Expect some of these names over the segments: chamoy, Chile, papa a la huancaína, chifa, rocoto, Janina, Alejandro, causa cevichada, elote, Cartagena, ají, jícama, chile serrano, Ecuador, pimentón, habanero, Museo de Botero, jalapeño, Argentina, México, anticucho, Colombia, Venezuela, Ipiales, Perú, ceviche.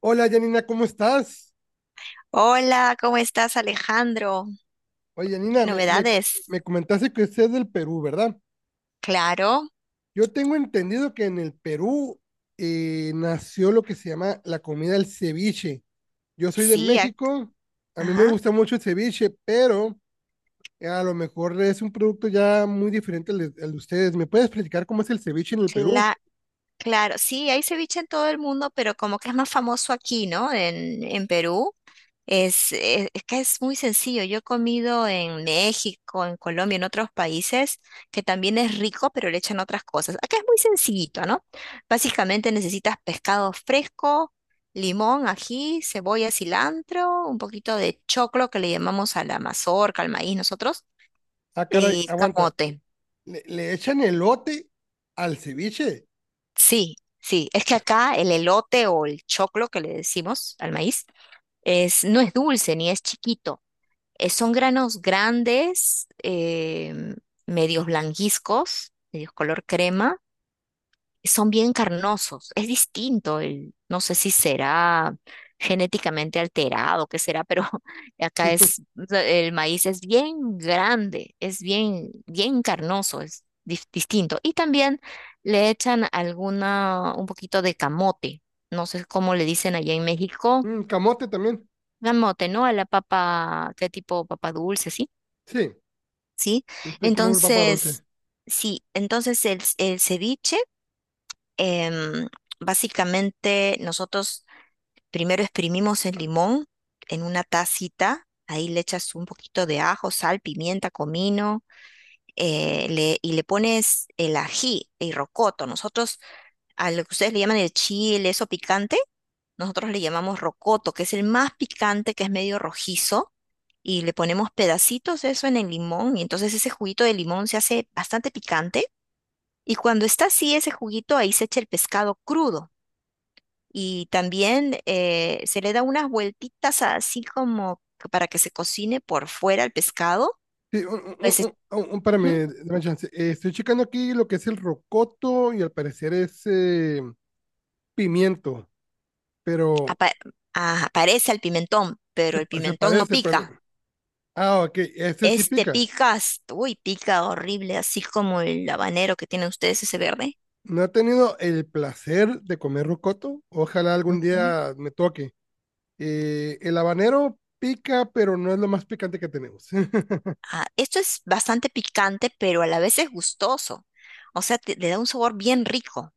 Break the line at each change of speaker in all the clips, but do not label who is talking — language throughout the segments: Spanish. Hola, Janina, ¿cómo estás?
Hola, ¿cómo estás, Alejandro?
Oye, Janina,
¿Qué
me, me,
novedades?
me comentaste que usted es del Perú, ¿verdad?
Claro,
Yo tengo entendido que en el Perú nació lo que se llama la comida del ceviche. Yo soy de
sí,
México, a mí me
ajá,
gusta mucho el ceviche, pero a lo mejor es un producto ya muy diferente al de ustedes. ¿Me puedes platicar cómo es el ceviche en el Perú?
cla- claro, sí, hay ceviche en todo el mundo, pero como que es más famoso aquí, ¿no? En Perú. Es que es muy sencillo. Yo he comido en México, en Colombia, en otros países, que también es rico, pero le echan otras cosas. Acá es muy sencillito, ¿no? Básicamente necesitas pescado fresco, limón, ají, cebolla, cilantro, un poquito de choclo que le llamamos a la mazorca, al maíz nosotros,
Ah, caray,
y
aguanta.
camote.
¿Le echan elote al ceviche?
Sí, sí. Es que acá el elote o el choclo que le decimos al maíz es, no es dulce ni es chiquito. Son granos grandes, medios blanquizcos, medios color crema, y son bien carnosos. Es distinto, no sé si será genéticamente alterado, qué será, pero acá es, el maíz es bien grande, es bien, bien carnoso, es distinto. Y también le echan alguna, un poquito de camote. No sé cómo le dicen allá en México.
Mm, camote también.
Camote, ¿no? A la papa, ¿qué tipo? Papa dulce, ¿sí?
Sí,
¿Sí?
como el papa
Entonces,
dulce.
sí, entonces el ceviche, em, básicamente nosotros primero exprimimos el limón en una tacita, ahí le echas un poquito de ajo, sal, pimienta, comino, y le pones el ají, el rocoto. Nosotros, a lo que ustedes le llaman el chile, eso picante, nosotros le llamamos rocoto, que es el más picante, que es medio rojizo y le ponemos pedacitos de eso en el limón y entonces ese juguito de limón se hace bastante picante y cuando está así ese juguito ahí se echa el pescado crudo y también se le da unas vueltitas así como que para que se cocine por fuera el pescado,
Sí, un, un-
pues se-
un-
ujú,
Espérame, dame chance. Estoy checando aquí lo que es el rocoto y al parecer es pimiento, pero
apa- aparece el pimentón, pero el
se
pimentón no
parece, pero...
pica.
no- Ah, ok, este sí
Este
pica.
pica, uy, pica horrible, así como el habanero que tienen ustedes, ese
Sí.
verde.
No he tenido el placer de comer rocoto. Ojalá algún
Ujú.
día me toque. El habanero pica, pero no es lo más picante que tenemos.
Ah, esto es bastante picante, pero a la vez es gustoso. O sea, le da un sabor bien rico.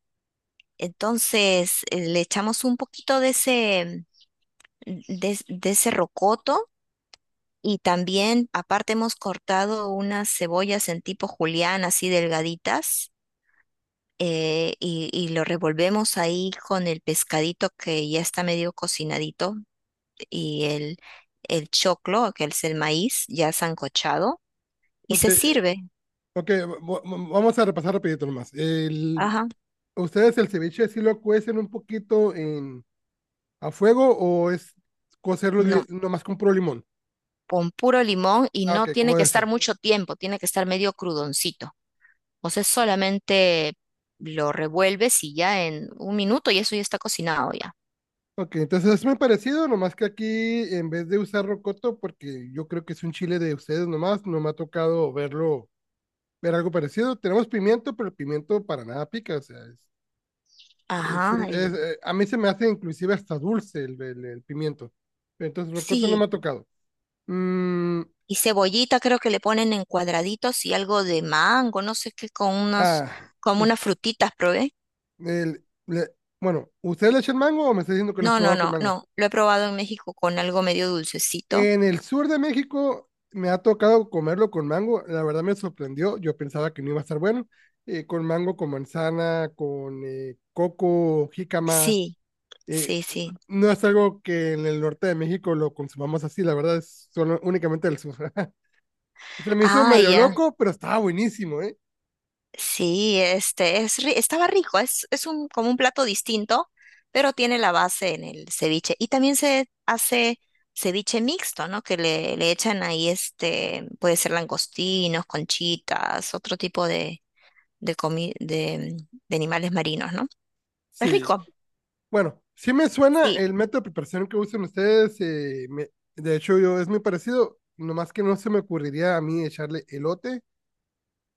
Entonces, le echamos un poquito de ese, de ese rocoto y también, aparte, hemos cortado unas cebollas en tipo julián, así delgaditas, y lo revolvemos ahí con el pescadito que ya está medio cocinadito y el choclo, que es el maíz, ya sancochado, y
Ok,
se sirve.
ok, va- vamos a repasar rapidito nomás.
Ajá.
¿Ustedes el ceviche sí lo cuecen un poquito en a fuego o es
No,
nomás con puro limón?
con puro limón y
Ah,
no
ok, ¿cómo
tiene que
debe
estar
ser?
mucho tiempo, tiene que estar medio crudoncito. O sea, solamente lo revuelves y ya en un minuto y eso ya está cocinado ya.
Ok, entonces es muy parecido, nomás que aquí en vez de usar rocoto, porque yo creo que es un chile de ustedes nomás, no me ha tocado verlo, ver algo parecido. Tenemos pimiento, pero el pimiento para nada pica, o sea,
Ajá,
a mí se me hace inclusive hasta dulce el pimiento. Pero entonces rocoto no
sí.
me ha tocado. Mm,
Y cebollita creo que le ponen en cuadraditos y algo de mango, no sé qué, con unos,
ah,
como
us-
unas frutitas, probé.
el- le- bueno, ¿ustedes le echan mango o me está diciendo que lo has
No, no,
probado con
no,
mango?
no. Lo he probado en México con algo medio dulcecito.
En el sur de México me ha tocado comerlo con mango. La verdad me sorprendió. Yo pensaba que no iba a estar bueno. Con mango, con manzana, con coco, jícama.
Sí,
eh,
sí, sí.
no es algo que en el norte de México lo consumamos así. La verdad es solo, únicamente del sur. Se me hizo
Ah,
medio
ya.
loco, pero estaba buenísimo, ¿eh?
Sí, este es estaba rico, es un como un plato distinto, pero tiene la base en el ceviche. Y también se hace ceviche mixto, ¿no? Que le echan ahí este, puede ser langostinos, conchitas, otro tipo de, de, comi- de, de animales marinos, ¿no? Es
Sí.
rico.
Bueno, sí me suena
Sí.
el método de preparación que usan ustedes. De hecho, yo es muy parecido. Nomás que no se me ocurriría a mí echarle elote.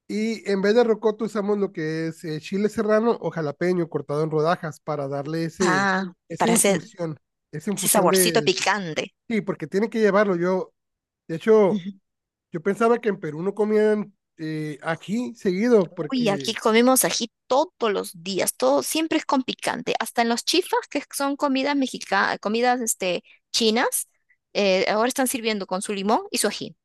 Y en vez de rocoto usamos lo que es chile serrano o jalapeño cortado en rodajas para darle
Ah,
esa
para hacer
infusión, esa
ese
infusión de,
saborcito
de chi-
picante.
Sí, porque tiene que llevarlo. Yo, de hecho, yo pensaba que en Perú no comían ají seguido
Uy, aquí
porque
comemos ají todos los días, todo siempre es con picante, hasta en los chifas, que son comidas mexicanas, comidas este, chinas, ahora están sirviendo con su limón y su ají,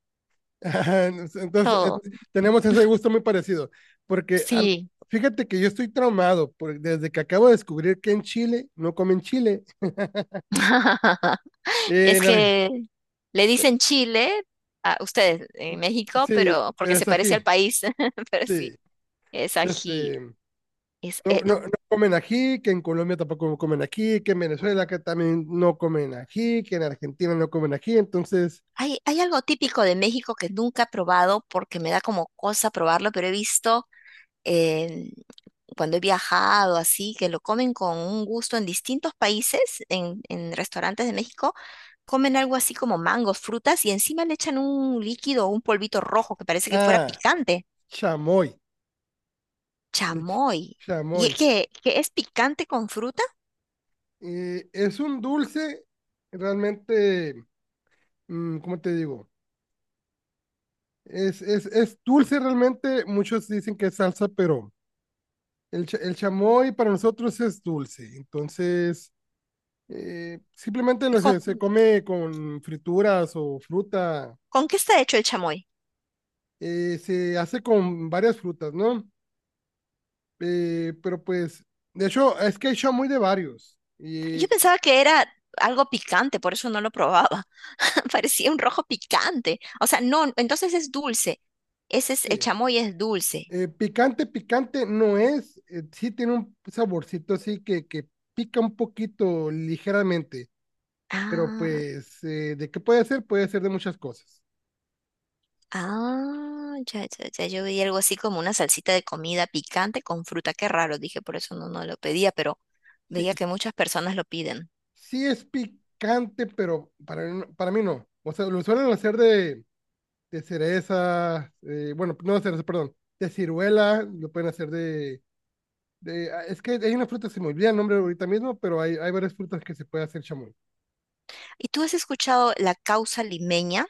ajá, entonces
todo,
tenemos ese gusto muy parecido. Porque am-
sí.
Fíjate que yo estoy traumado desde que acabo de descubrir que en Chile no comen chile. eh,
Es
En Arge-
que le dicen Chile a ustedes en México,
sí,
pero porque
pero
se
es
parece al
ají,
país, pero sí,
sí.
es ají.
Este,
Es,
No,
eh, lo-
no, no comen ají, que en Colombia tampoco comen ají, que en Venezuela que también no comen ají, que en Argentina no comen ají. Entonces,
Hay, hay algo típico de México que nunca he probado porque me da como cosa probarlo, pero he visto cuando he viajado así, que lo comen con un gusto en distintos países, en restaurantes de México, comen algo así como mangos, frutas y encima le echan un líquido, un polvito rojo que parece que fuera
ah,
picante.
chamoy, el ch-
Chamoy. ¿Y es
chamoy.
que es picante con fruta?
Es un dulce realmente, mm, ¿cómo te digo? Es dulce realmente, muchos dicen que es salsa, pero el chamoy para nosotros es dulce. Entonces, simplemente
¿Con,
se come con frituras o fruta.
con qué está hecho el chamoy?
Se hace con varias frutas, ¿no? Pero pues, de hecho, es que hay muy de varios.
Yo
Y
pensaba que era algo picante, por eso no lo probaba. Parecía un rojo picante. O sea, no, entonces es dulce. Ese es, el
sí.
chamoy es dulce.
Picante, picante no es, sí tiene un saborcito así que pica un poquito ligeramente, pero
Ah.
pues, ¿de qué puede ser? Puede ser de muchas cosas.
Ah, ya, ya, ya, yo vi algo así como una salsita de comida picante con fruta, qué raro, dije, por eso no, no lo pedía, pero
Sí,
veía que muchas personas lo piden.
sí es picante, pero para mí no. O sea, lo suelen hacer de cereza, bueno, no de cereza, perdón, de ciruela, lo pueden hacer ah, es que hay una fruta, se me olvida el nombre ahorita mismo, pero hay varias frutas que se puede hacer chamoy.
¿Y tú has escuchado la causa limeña?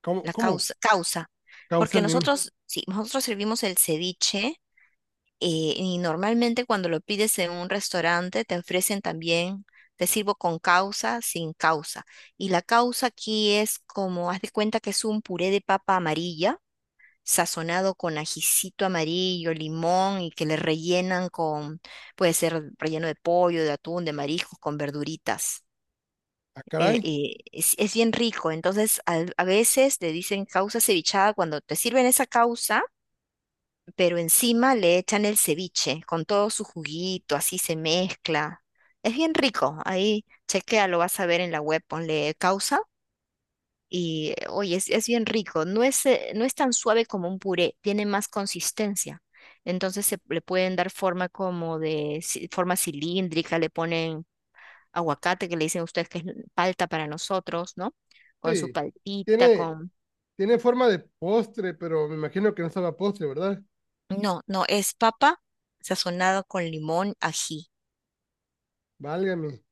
¿Cómo,
La
cómo
causa, causa,
causa
porque
el nime?
nosotros, sí, nosotros servimos el ceviche y normalmente cuando lo pides en un restaurante te ofrecen también, te sirvo con causa, sin causa. Y la causa aquí es como, haz de cuenta que es un puré de papa amarilla sazonado con ajicito amarillo, limón y que le rellenan con, puede ser relleno de pollo, de atún, de mariscos, con verduritas.
Ah, caray.
Es bien rico, entonces a veces le dicen causa cevichada cuando te sirven esa causa, pero encima le echan el ceviche con todo su juguito, así se mezcla. Es bien rico, ahí chequea, lo vas a ver en la web, ponle causa y oye, es bien rico. No es, no es tan suave como un puré, tiene más consistencia. Entonces se le pueden dar forma como de forma cilíndrica, le ponen aguacate, que le dicen ustedes que es palta para nosotros, ¿no? Con su
Sí.
paltita,
Tiene,
con...
Tiene forma de postre, pero me imagino que no sabe a postre, ¿verdad?
No, no, es papa sazonada con limón, ají.
Válgame.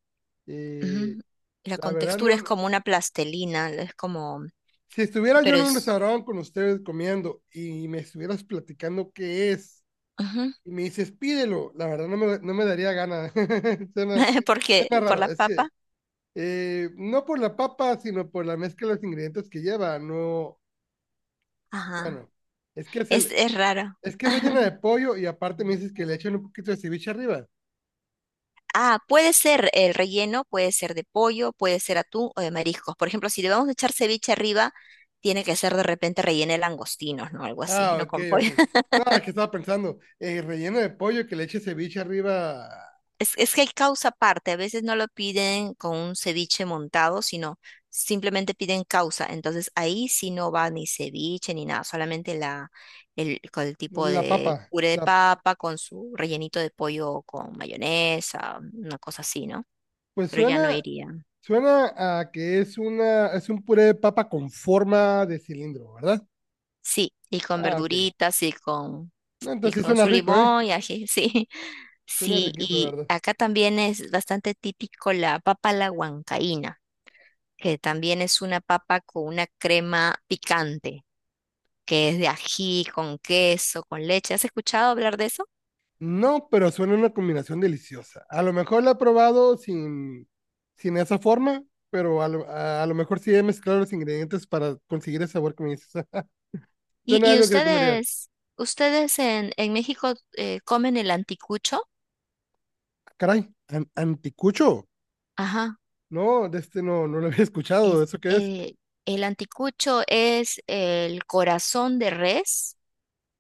Y
Ujú. La
la verdad,
contextura
no,
es
no.
como una plastelina, es como,
Si estuviera yo
pero
en un
es
restaurante con ustedes comiendo y me estuvieras platicando qué es,
ujú,
y me dices pídelo, la verdad no me daría gana. Suena,
porque
Suena
por
raro.
la
Es que
papa,
No por la papa, sino por la mezcla de los ingredientes que lleva. No,
ajá,
bueno, es que es el,
es raro.
es que es rellena de pollo y aparte me dices que le echan un poquito de ceviche arriba.
Ah, puede ser el relleno, puede ser de pollo, puede ser atún o de mariscos. Por ejemplo, si le vamos a echar ceviche arriba, tiene que ser de repente relleno de langostinos, ¿no? Algo así,
Ah,
no
ok,
con
ok.
pollo.
Nada, que estaba pensando, relleno de pollo que le eche ceviche arriba
Es que hay causa aparte, a veces no lo piden con un ceviche montado, sino simplemente piden causa. Entonces ahí sí no va ni ceviche ni nada, solamente con el tipo
la
de
papa.
puré de papa con su rellenito de pollo con mayonesa, una cosa así, ¿no?
Pues
Pero ya no
suena,
iría.
suena a que es un puré de papa con forma de cilindro, ¿verdad?
Sí, y con
Ah, ok.
verduritas
No,
y
entonces sí
con
suena
su
rico, ¿eh?
limón y ají, sí.
Suena
Sí,
riquito, la
y
verdad.
acá también es bastante típico la papa a la huancaína, que también es una papa con una crema picante, que es de ají, con queso, con leche. ¿Has escuchado hablar de eso?
No, pero suena una combinación deliciosa. A lo mejor la he probado sin esa forma, pero a lo mejor sí he mezclado los ingredientes para conseguir el sabor que me dices.
¿Y,
Suena
y
algo que te comería.
ustedes, ¿Ustedes en México comen el anticucho?
Ah, caray, anticucho.
Ajá.
No, de este no, no lo había escuchado.
Es,
¿Eso qué es?
eh, el anticucho es el corazón de res.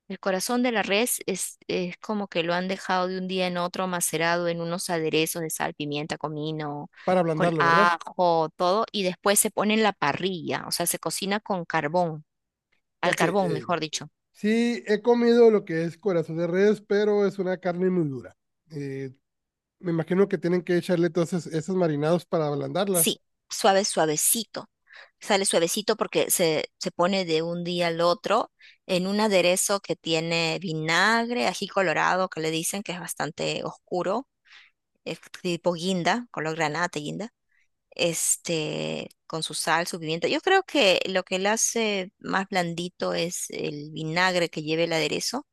El corazón de la res es como que lo han dejado de un día en otro macerado en unos aderezos de sal, pimienta, comino,
Para
con
ablandarlo, ¿verdad?
ajo, todo, y después se pone en la parrilla, o sea, se cocina con carbón, al
Ok,
carbón, mejor dicho.
sí he comido lo que es corazón de res, pero es una carne muy dura. Eh, Me imagino que tienen que echarle todos esos marinados para ablandarla.
Sí, suave, suavecito. Sale suavecito porque se pone de un día al otro en un aderezo que tiene vinagre, ají colorado, que le dicen que es bastante oscuro, es tipo guinda, color granate, guinda. Este, con su sal, su pimienta. Yo creo que lo que le hace más blandito es el vinagre que lleva el aderezo,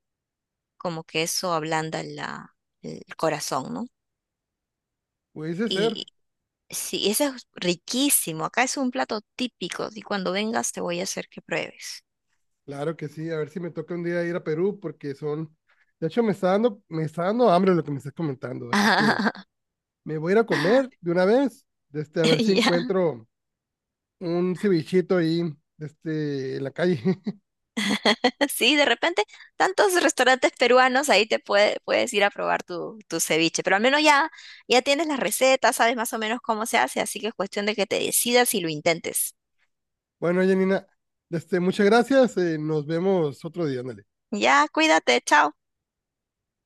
como que eso ablanda la, el corazón, ¿no?
Puede ser.
Y sí, ese es riquísimo. Acá es un plato típico y cuando vengas te voy a hacer que pruebes.
Claro que sí, a ver si me toca un día ir a Perú porque son, de hecho me está dando hambre lo que me estás comentando, así que me voy a ir a comer de una vez, de este a ver si
Ya.
encuentro un cevichito ahí, de este en la calle.
Sí, de repente tantos restaurantes peruanos ahí puedes ir a probar tu, tu ceviche, pero al menos ya, ya tienes las recetas, sabes más o menos cómo se hace, así que es cuestión de que te decidas y lo intentes.
Bueno, Janina, de este muchas gracias, nos vemos otro día, ándale.
Ya, cuídate, chao.